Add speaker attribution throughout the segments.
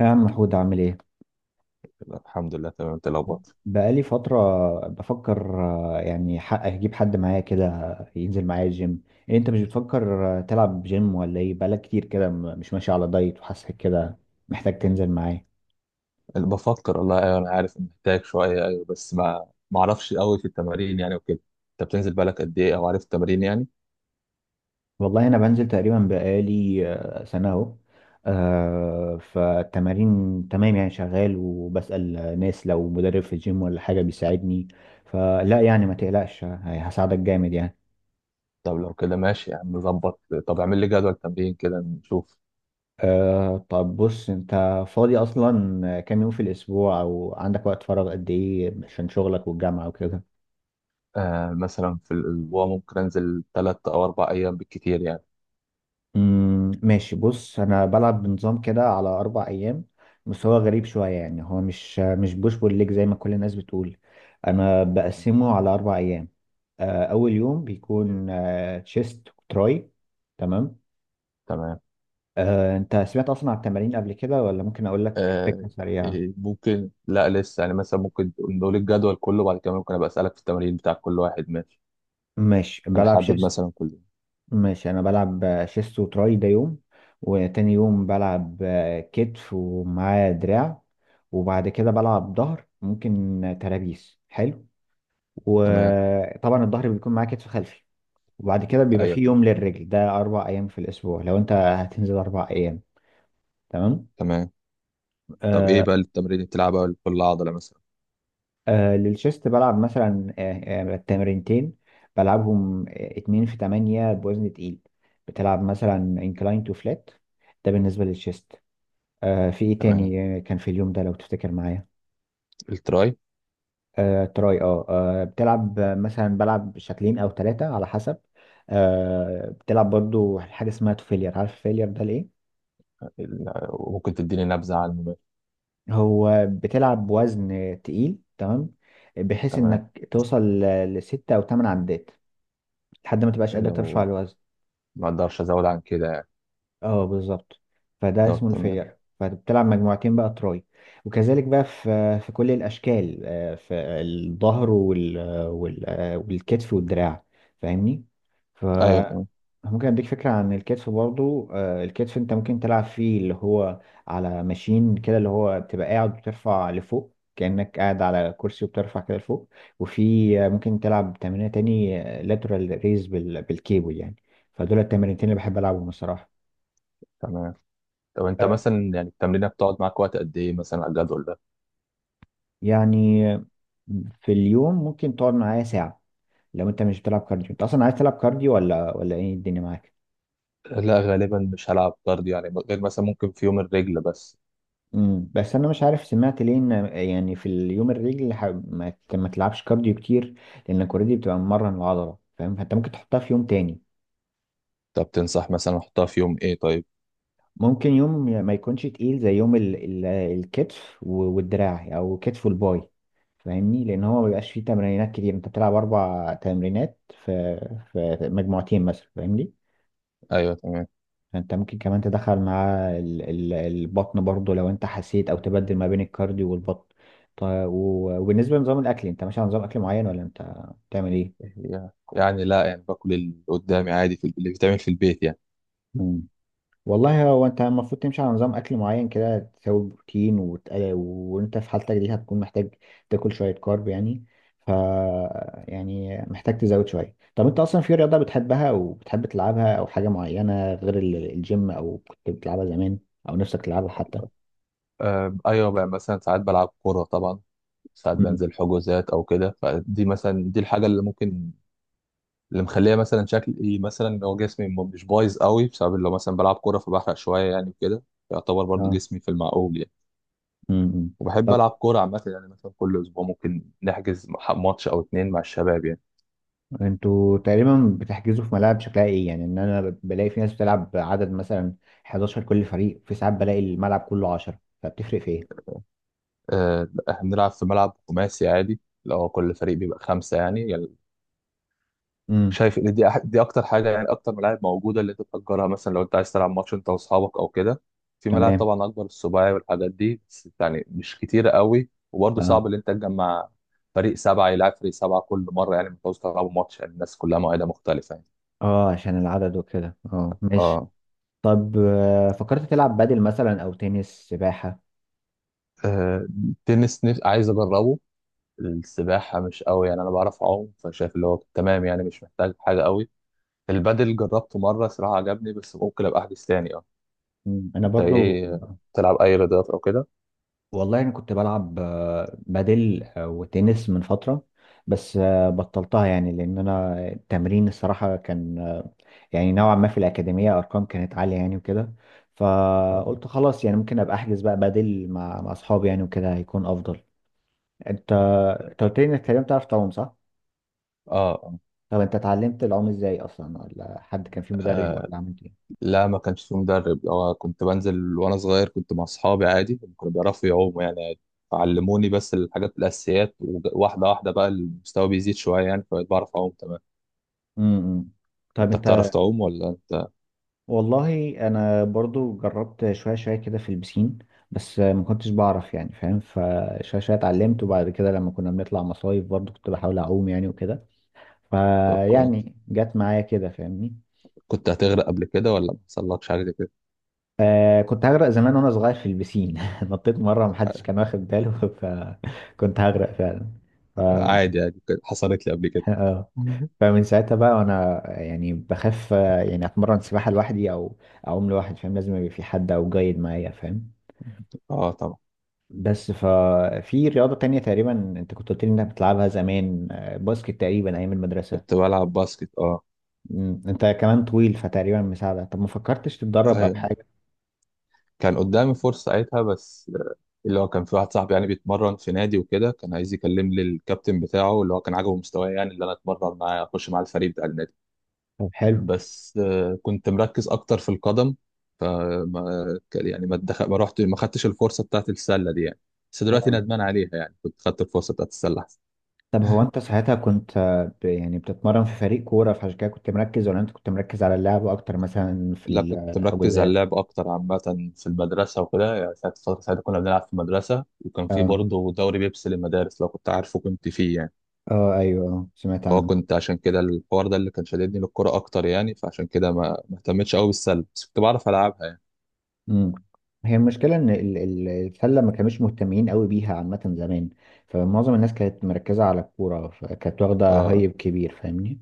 Speaker 1: يا عم محمود عامل ايه؟
Speaker 2: الحمد لله تمام. انت لو
Speaker 1: بقالي فترة بفكر يعني حق اجيب حد معايا كده ينزل معايا الجيم. إيه انت مش بتفكر تلعب جيم ولا ايه؟ بقالك كتير كده مش ماشي على دايت وحاسك كده محتاج تنزل معايا.
Speaker 2: بفكر والله. ايوه انا عارف ان محتاج شويه، ايوه بس ما اعرفش قوي في التمارين يعني وكده. انت بتنزل بالك قد ايه او عارف التمارين يعني؟
Speaker 1: والله انا بنزل تقريبا بقالي سنة اهو. فالتمارين تمام، يعني شغال وبسأل ناس لو مدرب في الجيم ولا حاجة بيساعدني. فلا يعني، ما تقلقش، هساعدك جامد يعني.
Speaker 2: طب لو كده ماشي يا عم نظبط. طب اعمل لي جدول تمرين كده نشوف.
Speaker 1: طب بص، انت فاضي اصلا كام يوم في الاسبوع، او عندك وقت فراغ قد ايه عشان شغلك والجامعة وكده؟
Speaker 2: آه مثلا في الاسبوع ممكن انزل ثلاث او اربع ايام بالكتير يعني.
Speaker 1: ماشي، بص انا بلعب بنظام كده على 4 ايام. بس هو غريب شوية، يعني هو مش بوش بول ليج زي ما كل الناس بتقول. انا بقسمه على 4 ايام. اول يوم بيكون تشيست وتراي. تمام.
Speaker 2: تمام.
Speaker 1: انت سمعت اصلا عن التمارين قبل كده، ولا ممكن اقول لك
Speaker 2: آه،
Speaker 1: فكرة سريعة؟
Speaker 2: إيه، ممكن لا لسه يعني، مثلا ممكن نقول الجدول كله بعد كده، ممكن ابقى اسالك في التمارين بتاع كل واحد ماشي.
Speaker 1: ماشي بلعب
Speaker 2: هنحدد
Speaker 1: شيست.
Speaker 2: مثلا كله.
Speaker 1: ماشي، انا بلعب شيست وتراي ده يوم، وتاني يوم بلعب كتف ومعاه دراع، وبعد كده بلعب ظهر، ممكن ترابيس حلو،
Speaker 2: تمام.
Speaker 1: وطبعا الظهر بيكون معاه كتف خلفي، وبعد كده بيبقى
Speaker 2: ايوه
Speaker 1: فيه يوم للرجل، ده 4 ايام في الاسبوع لو انت هتنزل 4 ايام. تمام.
Speaker 2: تمام. طب ايه
Speaker 1: آه.
Speaker 2: بقى التمرين اللي بتلعبها لكل عضله مثلا؟
Speaker 1: للشيست بلعب مثلا تمرينتين، بلعبهم اتنين في تمانية بوزن تقيل. بتلعب مثلا انكلاين تو فلات، ده بالنسبة للشيست. في ايه
Speaker 2: تمام.
Speaker 1: تاني؟ كان في اليوم ده لو تفتكر معايا.
Speaker 2: التراي.
Speaker 1: تراي، بتلعب، مثلا بلعب شكلين او ثلاثة على حسب. بتلعب برضو حاجة اسمها فيلير، عارف فيلير ده ليه؟
Speaker 2: وممكن تديني نبذه عنه.
Speaker 1: هو بتلعب وزن تقيل، تمام، بحيث
Speaker 2: تمام.
Speaker 1: انك توصل لستة او ثمان عدات، لحد ما تبقاش قادر ترفع
Speaker 2: لو
Speaker 1: الوزن.
Speaker 2: ما اقدرش ازود عن كده يعني.
Speaker 1: اه، بالظبط. فده
Speaker 2: طب
Speaker 1: اسمه
Speaker 2: تمام.
Speaker 1: الفيلر، فبتلعب مجموعتين بقى تراي. وكذلك بقى في كل الاشكال، في الظهر والكتف والدراع، فاهمني؟ ف
Speaker 2: ايوه تمام.
Speaker 1: ممكن اديك فكره عن الكتف برضو. الكتف انت ممكن تلعب فيه اللي هو على ماشين كده، اللي هو بتبقى قاعد وترفع لفوق، كأنك قاعد على كرسي وبترفع كده لفوق. وفي ممكن تلعب تمرينة تاني لاترال ريز بالكيبل يعني. فدول التمرينتين اللي بحب العبهم بصراحه.
Speaker 2: تمام. طب انت مثلا يعني التمرينه بتقعد معاك وقت قد ايه مثلا على الجدول ده؟
Speaker 1: يعني في اليوم ممكن تقعد معايا ساعة لو انت مش بتلعب كارديو. انت اصلا عايز تلعب كارديو ولا ايه الدنيا معاك؟
Speaker 2: لا غالبا مش هلعب كارديو يعني، غير مثلا ممكن في يوم الرجل بس.
Speaker 1: بس انا مش عارف، سمعت ليه ان يعني في اليوم الرجل ما تلعبش كارديو كتير، لانك اوريدي بتبقى ممرن العضلة، فاهم؟ فانت ممكن تحطها في يوم تاني.
Speaker 2: طب تنصح مثلا احطها في يوم ايه طيب؟
Speaker 1: ممكن يوم ما يكونش تقيل زي يوم ال ال الكتف والدراع، او كتف والباي، فاهمني؟ لان هو ما بيبقاش فيه تمرينات كتير، انت بتلعب 4 تمرينات في في مجموعتين مثلا، فاهمني؟
Speaker 2: ايوه تمام.
Speaker 1: انت ممكن كمان تدخل معاه البطن برضو لو انت حسيت، او تبدل ما بين الكارديو والبطن. طيب، وبالنسبه لنظام الاكل، انت ماشي على نظام اكل معين ولا انت بتعمل ايه؟
Speaker 2: يعني لا، يعني باكل اللي قدامي عادي في اللي بيتعمل في البيت يعني.
Speaker 1: مم. والله هو انت المفروض تمشي على نظام اكل معين كده، تساوي بروتين وانت في حالتك دي هتكون محتاج تاكل شويه كارب يعني. ف يعني محتاج تزود شويه. طب انت اصلا في رياضه بتحبها او بتحب تلعبها، او حاجه معينه غير الجيم، او كنت بتلعبها زمان او نفسك تلعبها حتى؟
Speaker 2: ايوه بقى مثلا ساعات بلعب كوره طبعا. ساعات
Speaker 1: مم.
Speaker 2: بنزل حجوزات او كده، فدي مثلا دي الحاجه اللي ممكن. اللي مخليه مثلا شكلي مثلا، لو جسمي مش بايظ قوي، بسبب لو مثلا بلعب كوره فبحرق شويه يعني وكده. يعتبر برضو
Speaker 1: اه.
Speaker 2: جسمي في المعقول يعني.
Speaker 1: امم.
Speaker 2: وبحب
Speaker 1: طب
Speaker 2: العب كوره عامه يعني، مثلا كل اسبوع ممكن نحجز ماتش او اتنين مع الشباب يعني.
Speaker 1: انتوا تقريبا بتحجزوا في ملاعب شكلها ايه يعني؟ ان انا بلاقي في ناس بتلعب عدد مثلا 11 كل فريق، في ساعات بلاقي الملعب كله 10، فبتفرق في ايه؟
Speaker 2: احنا بنلعب في ملعب خماسي عادي. لو كل فريق بيبقى خمسه يعني.
Speaker 1: امم
Speaker 2: شايف ان دي دي اكتر حاجه يعني، اكتر ملاعب موجوده اللي تتاجرها مثلا لو انت عايز تلعب ماتش انت واصحابك او كده. في ملاعب
Speaker 1: تمام.
Speaker 2: طبعا اكبر، السباعي والحاجات دي، بس يعني مش كتيره قوي، وبرضه
Speaker 1: اه،
Speaker 2: صعب ان انت تجمع فريق سبعه يلعب فريق سبعه كل مره يعني، ما تعوز تلعبوا ماتش يعني، الناس كلها مواعيدها مختلفه يعني.
Speaker 1: اه، عشان العدد وكده اه ماشي
Speaker 2: اه.
Speaker 1: طب آه، فكرت تلعب بادل مثلا او تنس سباحة
Speaker 2: آه، التنس نفس عايز اجربه. السباحه مش قوي يعني، انا بعرف اعوم فشايف اللي هو تمام يعني، مش محتاج حاجه قوي. البادل جربته مره صراحه عجبني، بس ممكن ابقى احجز تاني اه.
Speaker 1: مم. انا
Speaker 2: انت
Speaker 1: برضو
Speaker 2: ايه، تلعب اي رياضات او كده؟
Speaker 1: والله انا كنت بلعب آه، بادل آه، وتنس من فترة بس آه، بطلتها يعني لان انا التمرين الصراحة كان آه، يعني نوعا ما في الأكاديمية أرقام كانت عالية يعني وكده
Speaker 2: آه.
Speaker 1: فقلت خلاص يعني ممكن أبقى أحجز بقى بدل مع مع أصحابي يعني وكده هيكون أفضل أنت
Speaker 2: اه
Speaker 1: أنت قلت لي إنك تقريبا بتعرف تعوم صح؟
Speaker 2: آه.
Speaker 1: طب أنت اتعلمت العوم إزاي أصلا ولا حد كان في مدرب ولا عملت إيه؟
Speaker 2: لا ما كانش في مدرب، هو كنت بنزل وانا صغير، كنت مع اصحابي عادي، هم كانوا بيعرفوا يعوموا يعني عادي. علموني بس الحاجات الاساسيات، وواحده واحده بقى المستوى بيزيد شويه يعني، فبقيت بعرف اعوم تمام.
Speaker 1: امم امم. طب
Speaker 2: انت بتعرف
Speaker 1: أنت
Speaker 2: تعوم ولا انت؟
Speaker 1: والله أنا برضو جربت شوية شوية كده في البسين بس ما كنتش بعرف يعني فاهم فشوية شوية اتعلمت وبعد كده لما كنا بنطلع مصايف برضو كنت بحاول أعوم يعني وكده
Speaker 2: طب كويس.
Speaker 1: فيعني جت معايا كده فاهمني
Speaker 2: كنت هتغرق قبل كده ولا ما حصلكش حاجه زي كده؟
Speaker 1: آه كنت هغرق زمان وانا صغير في البسين نطيت مره محدش كان واخد باله فكنت هغرق فعلا ف...
Speaker 2: عادي يعني حصلت لي قبل كده.
Speaker 1: آه. فمن ساعتها بقى وانا يعني بخاف آه، يعني اتمرن سباحه لوحدي او اعوم لوحدي فاهم لازم يبقى في حد او جايد معايا فاهم
Speaker 2: اه طبعا.
Speaker 1: بس ففي رياضه تانية تقريبا انت كنت قلت لي انك بتلعبها زمان آه، باسكت تقريبا ايام المدرسه
Speaker 2: كنت بلعب باسكت اه.
Speaker 1: مم. انت كمان طويل فتقريبا مساعده طب ما فكرتش تتدرب او
Speaker 2: ايوه
Speaker 1: حاجه
Speaker 2: كان قدامي فرصة ساعتها، بس آه، اللي هو كان في واحد صاحبي يعني بيتمرن في نادي وكده، كان عايز يكلم لي الكابتن بتاعه اللي هو كان عاجبه مستواي يعني، اللي انا اتمرن معاه اخش مع الفريق بتاع النادي.
Speaker 1: طب حلو
Speaker 2: بس آه، كنت مركز اكتر في القدم. آه، ما يعني ما اتدخل، ما رحت، ما خدتش الفرصة بتاعت السلة دي يعني. بس دلوقتي
Speaker 1: آه.
Speaker 2: ندمان عليها يعني، كنت خدت الفرصة بتاعت السلة احسن.
Speaker 1: طب هو انت ساعتها كنت آه، ب- يعني بتتمرن في فريق كورة فعشان كده كنت مركز ولا انت كنت مركز على اللعب اكتر مثلا في
Speaker 2: لا كنت مركز على
Speaker 1: الحجوزات
Speaker 2: اللعب اكتر عامة. في المدرسة وكده يعني، ساعة فترة ساعتها كنا بنلعب في المدرسة، وكان في
Speaker 1: اه
Speaker 2: برضه دوري بيبسي للمدارس، لو كنت عارفه، كنت فيه يعني.
Speaker 1: اه ايوه، سمعت
Speaker 2: اه
Speaker 1: عنه.
Speaker 2: كنت عشان كده الحوار ده اللي كان شددني للكرة اكتر يعني، فعشان كده ما اهتمتش قوي بالسله، بس كنت بعرف العبها يعني.
Speaker 1: امم. هي المشكلة ان السلة ما كانوش مهتمين قوي بيها عامة زمان، فمعظم الناس كانت مركزة على الكورة، فكانت واخدة
Speaker 2: اه
Speaker 1: هايب كبير، فاهمني؟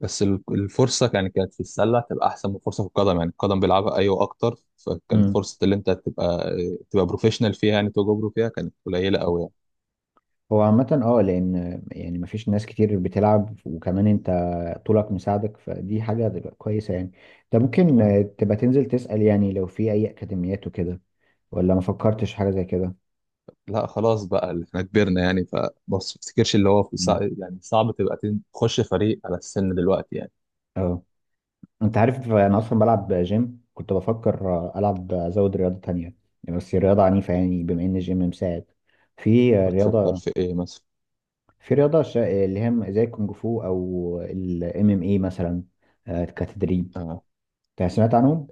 Speaker 2: بس الفرصه يعني كانت في السله تبقى احسن من الفرصه في القدم، يعني القدم بيلعبها ايوه اكتر، فكانت
Speaker 1: إمم.
Speaker 2: فرصه اللي انت تبقى، تبقى بروفيشنال فيها يعني، توجو برو فيها كانت قليله قوي يعني.
Speaker 1: هو عامة لأن يعني مفيش ناس كتير بتلعب، وكمان انت طولك مساعدك، فدي حاجة هتبقى كويسة يعني. انت ممكن
Speaker 2: آه.
Speaker 1: تبقى تنزل تسأل يعني لو في أي أكاديميات وكده، ولا ما فكرتش حاجة زي كده؟
Speaker 2: لا خلاص بقى اللي احنا كبرنا يعني، فبص تفتكرش اللي هو في
Speaker 1: مم.
Speaker 2: سع... يعني صعب تبقى تخش فريق على السن دلوقتي يعني.
Speaker 1: اه. انت عارف انا اصلا بلعب جيم، كنت بفكر العب ازود رياضة تانية بس رياضة عنيفة، يعني بما ان الجيم مساعد في
Speaker 2: بتفكر
Speaker 1: رياضة،
Speaker 2: في ايه مثلا؟
Speaker 1: في رياضة اللي هي زي الكونج فو او الام ام اي مثلا، كتدريب.
Speaker 2: آه.
Speaker 1: انت سمعت عنهم؟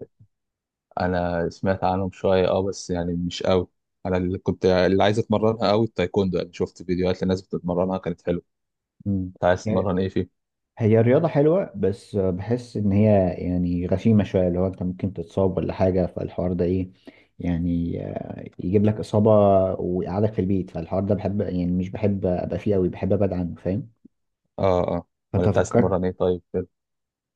Speaker 2: انا سمعت عنهم شويه اه، بس يعني مش قوي. انا اللي كنت اللي عايز اتمرنها قوي التايكوندو يعني، شفت فيديوهات لناس بتتمرنها كانت حلوه.
Speaker 1: مم.
Speaker 2: انت عايز تتمرن ايه فيه؟
Speaker 1: هي الرياضة حلوة بس بحس إن هي يعني غشيمة شوية، اللي هو أنت ممكن تتصاب ولا حاجة، فالحوار ده إيه يعني، يجيب لك إصابة ويقعدك في البيت، فالحوار ده بحب، يعني مش بحب أبقى فيه أوي، بحب أبعد عنه، فاهم؟
Speaker 2: اه اه. ولا
Speaker 1: فأنت
Speaker 2: انت عايز تتمرن
Speaker 1: فكرت.
Speaker 2: ايه طيب كده؟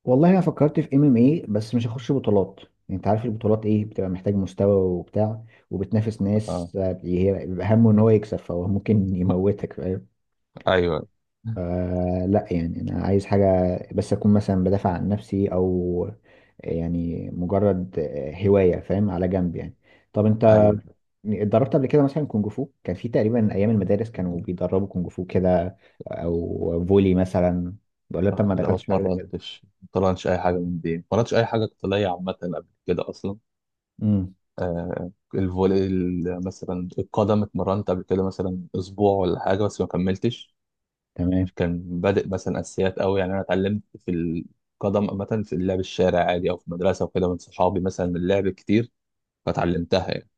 Speaker 1: والله أنا فكرت في إم إم إيه بس مش هخش بطولات. يعني أنت عارف البطولات إيه، بتبقى محتاج مستوى وبتاع وبتنافس
Speaker 2: اه.
Speaker 1: ناس، هي بيبقى همه إن هو يكسب، فهو ممكن يموتك، فاهم؟
Speaker 2: ايوه.
Speaker 1: لا، يعني انا عايز حاجه بس اكون مثلا بدافع عن نفسي، او يعني مجرد هوايه فاهم، على جنب يعني. طب انت
Speaker 2: ايوه
Speaker 1: اتدربت قبل كده مثلا كونج فو؟ كان في تقريبا ايام المدارس كانوا بيدربوا كونج فو كده، او فولي مثلا. بقول لك، طب
Speaker 2: آه،
Speaker 1: ما
Speaker 2: لا ما
Speaker 1: دخلتش حاجه زي كده؟
Speaker 2: اتمرنتش، ما اتمرنتش اي حاجه من دي، ما اتمرنتش اي حاجه قتاليه عامه قبل كده اصلا.
Speaker 1: امم
Speaker 2: آه الفولي، مثلا القدم اتمرنت قبل كده مثلا اسبوع ولا حاجه، بس ما كملتش.
Speaker 1: تمام.
Speaker 2: كان بادئ مثلا اساسيات قوي يعني، انا اتعلمت في القدم عامه في اللعب الشارع عادي، او في المدرسه وكده من صحابي، مثلا من اللعب كتير فتعلمتها يعني.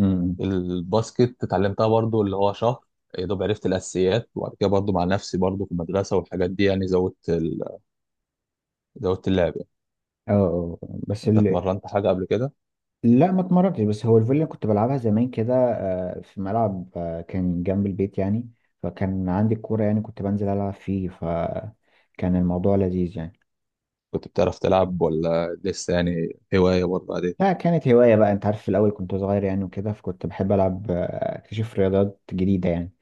Speaker 1: امم.
Speaker 2: الباسكت اتعلمتها برضو اللي هو شهر، يا دوب عرفت الاساسيات، وبعد كده برضو مع نفسي برضو في المدرسه والحاجات دي، يعني زودت ال... زودت اللعب يعني.
Speaker 1: اه. آه. أه.
Speaker 2: انت اتمرنت حاجه قبل كده؟
Speaker 1: لا ما اتمرنتش. بس هو الفولي كنت بلعبها زمان كده، في ملعب كان جنب البيت يعني، فكان عندي الكورة يعني، كنت بنزل ألعب فيه، فكان الموضوع لذيذ يعني.
Speaker 2: كنت بتعرف تلعب ولا لسه يعني، هوايه برضو عادي.
Speaker 1: لا، كانت هواية بقى، أنت عارف، في الأول كنت صغير يعني وكده، فكنت بحب ألعب أكتشف رياضات جديدة يعني.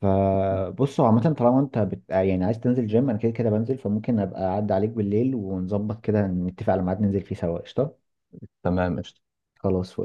Speaker 1: فبصوا عامة، طالما أنت بت... آه، يعني عايز تنزل جيم، أنا كده كده بنزل، فممكن أبقى أعدي عليك بالليل ونظبط كده، نتفق على ميعاد ننزل فيه سوا، قشطة.
Speaker 2: تمام قشطة.
Speaker 1: خلاص.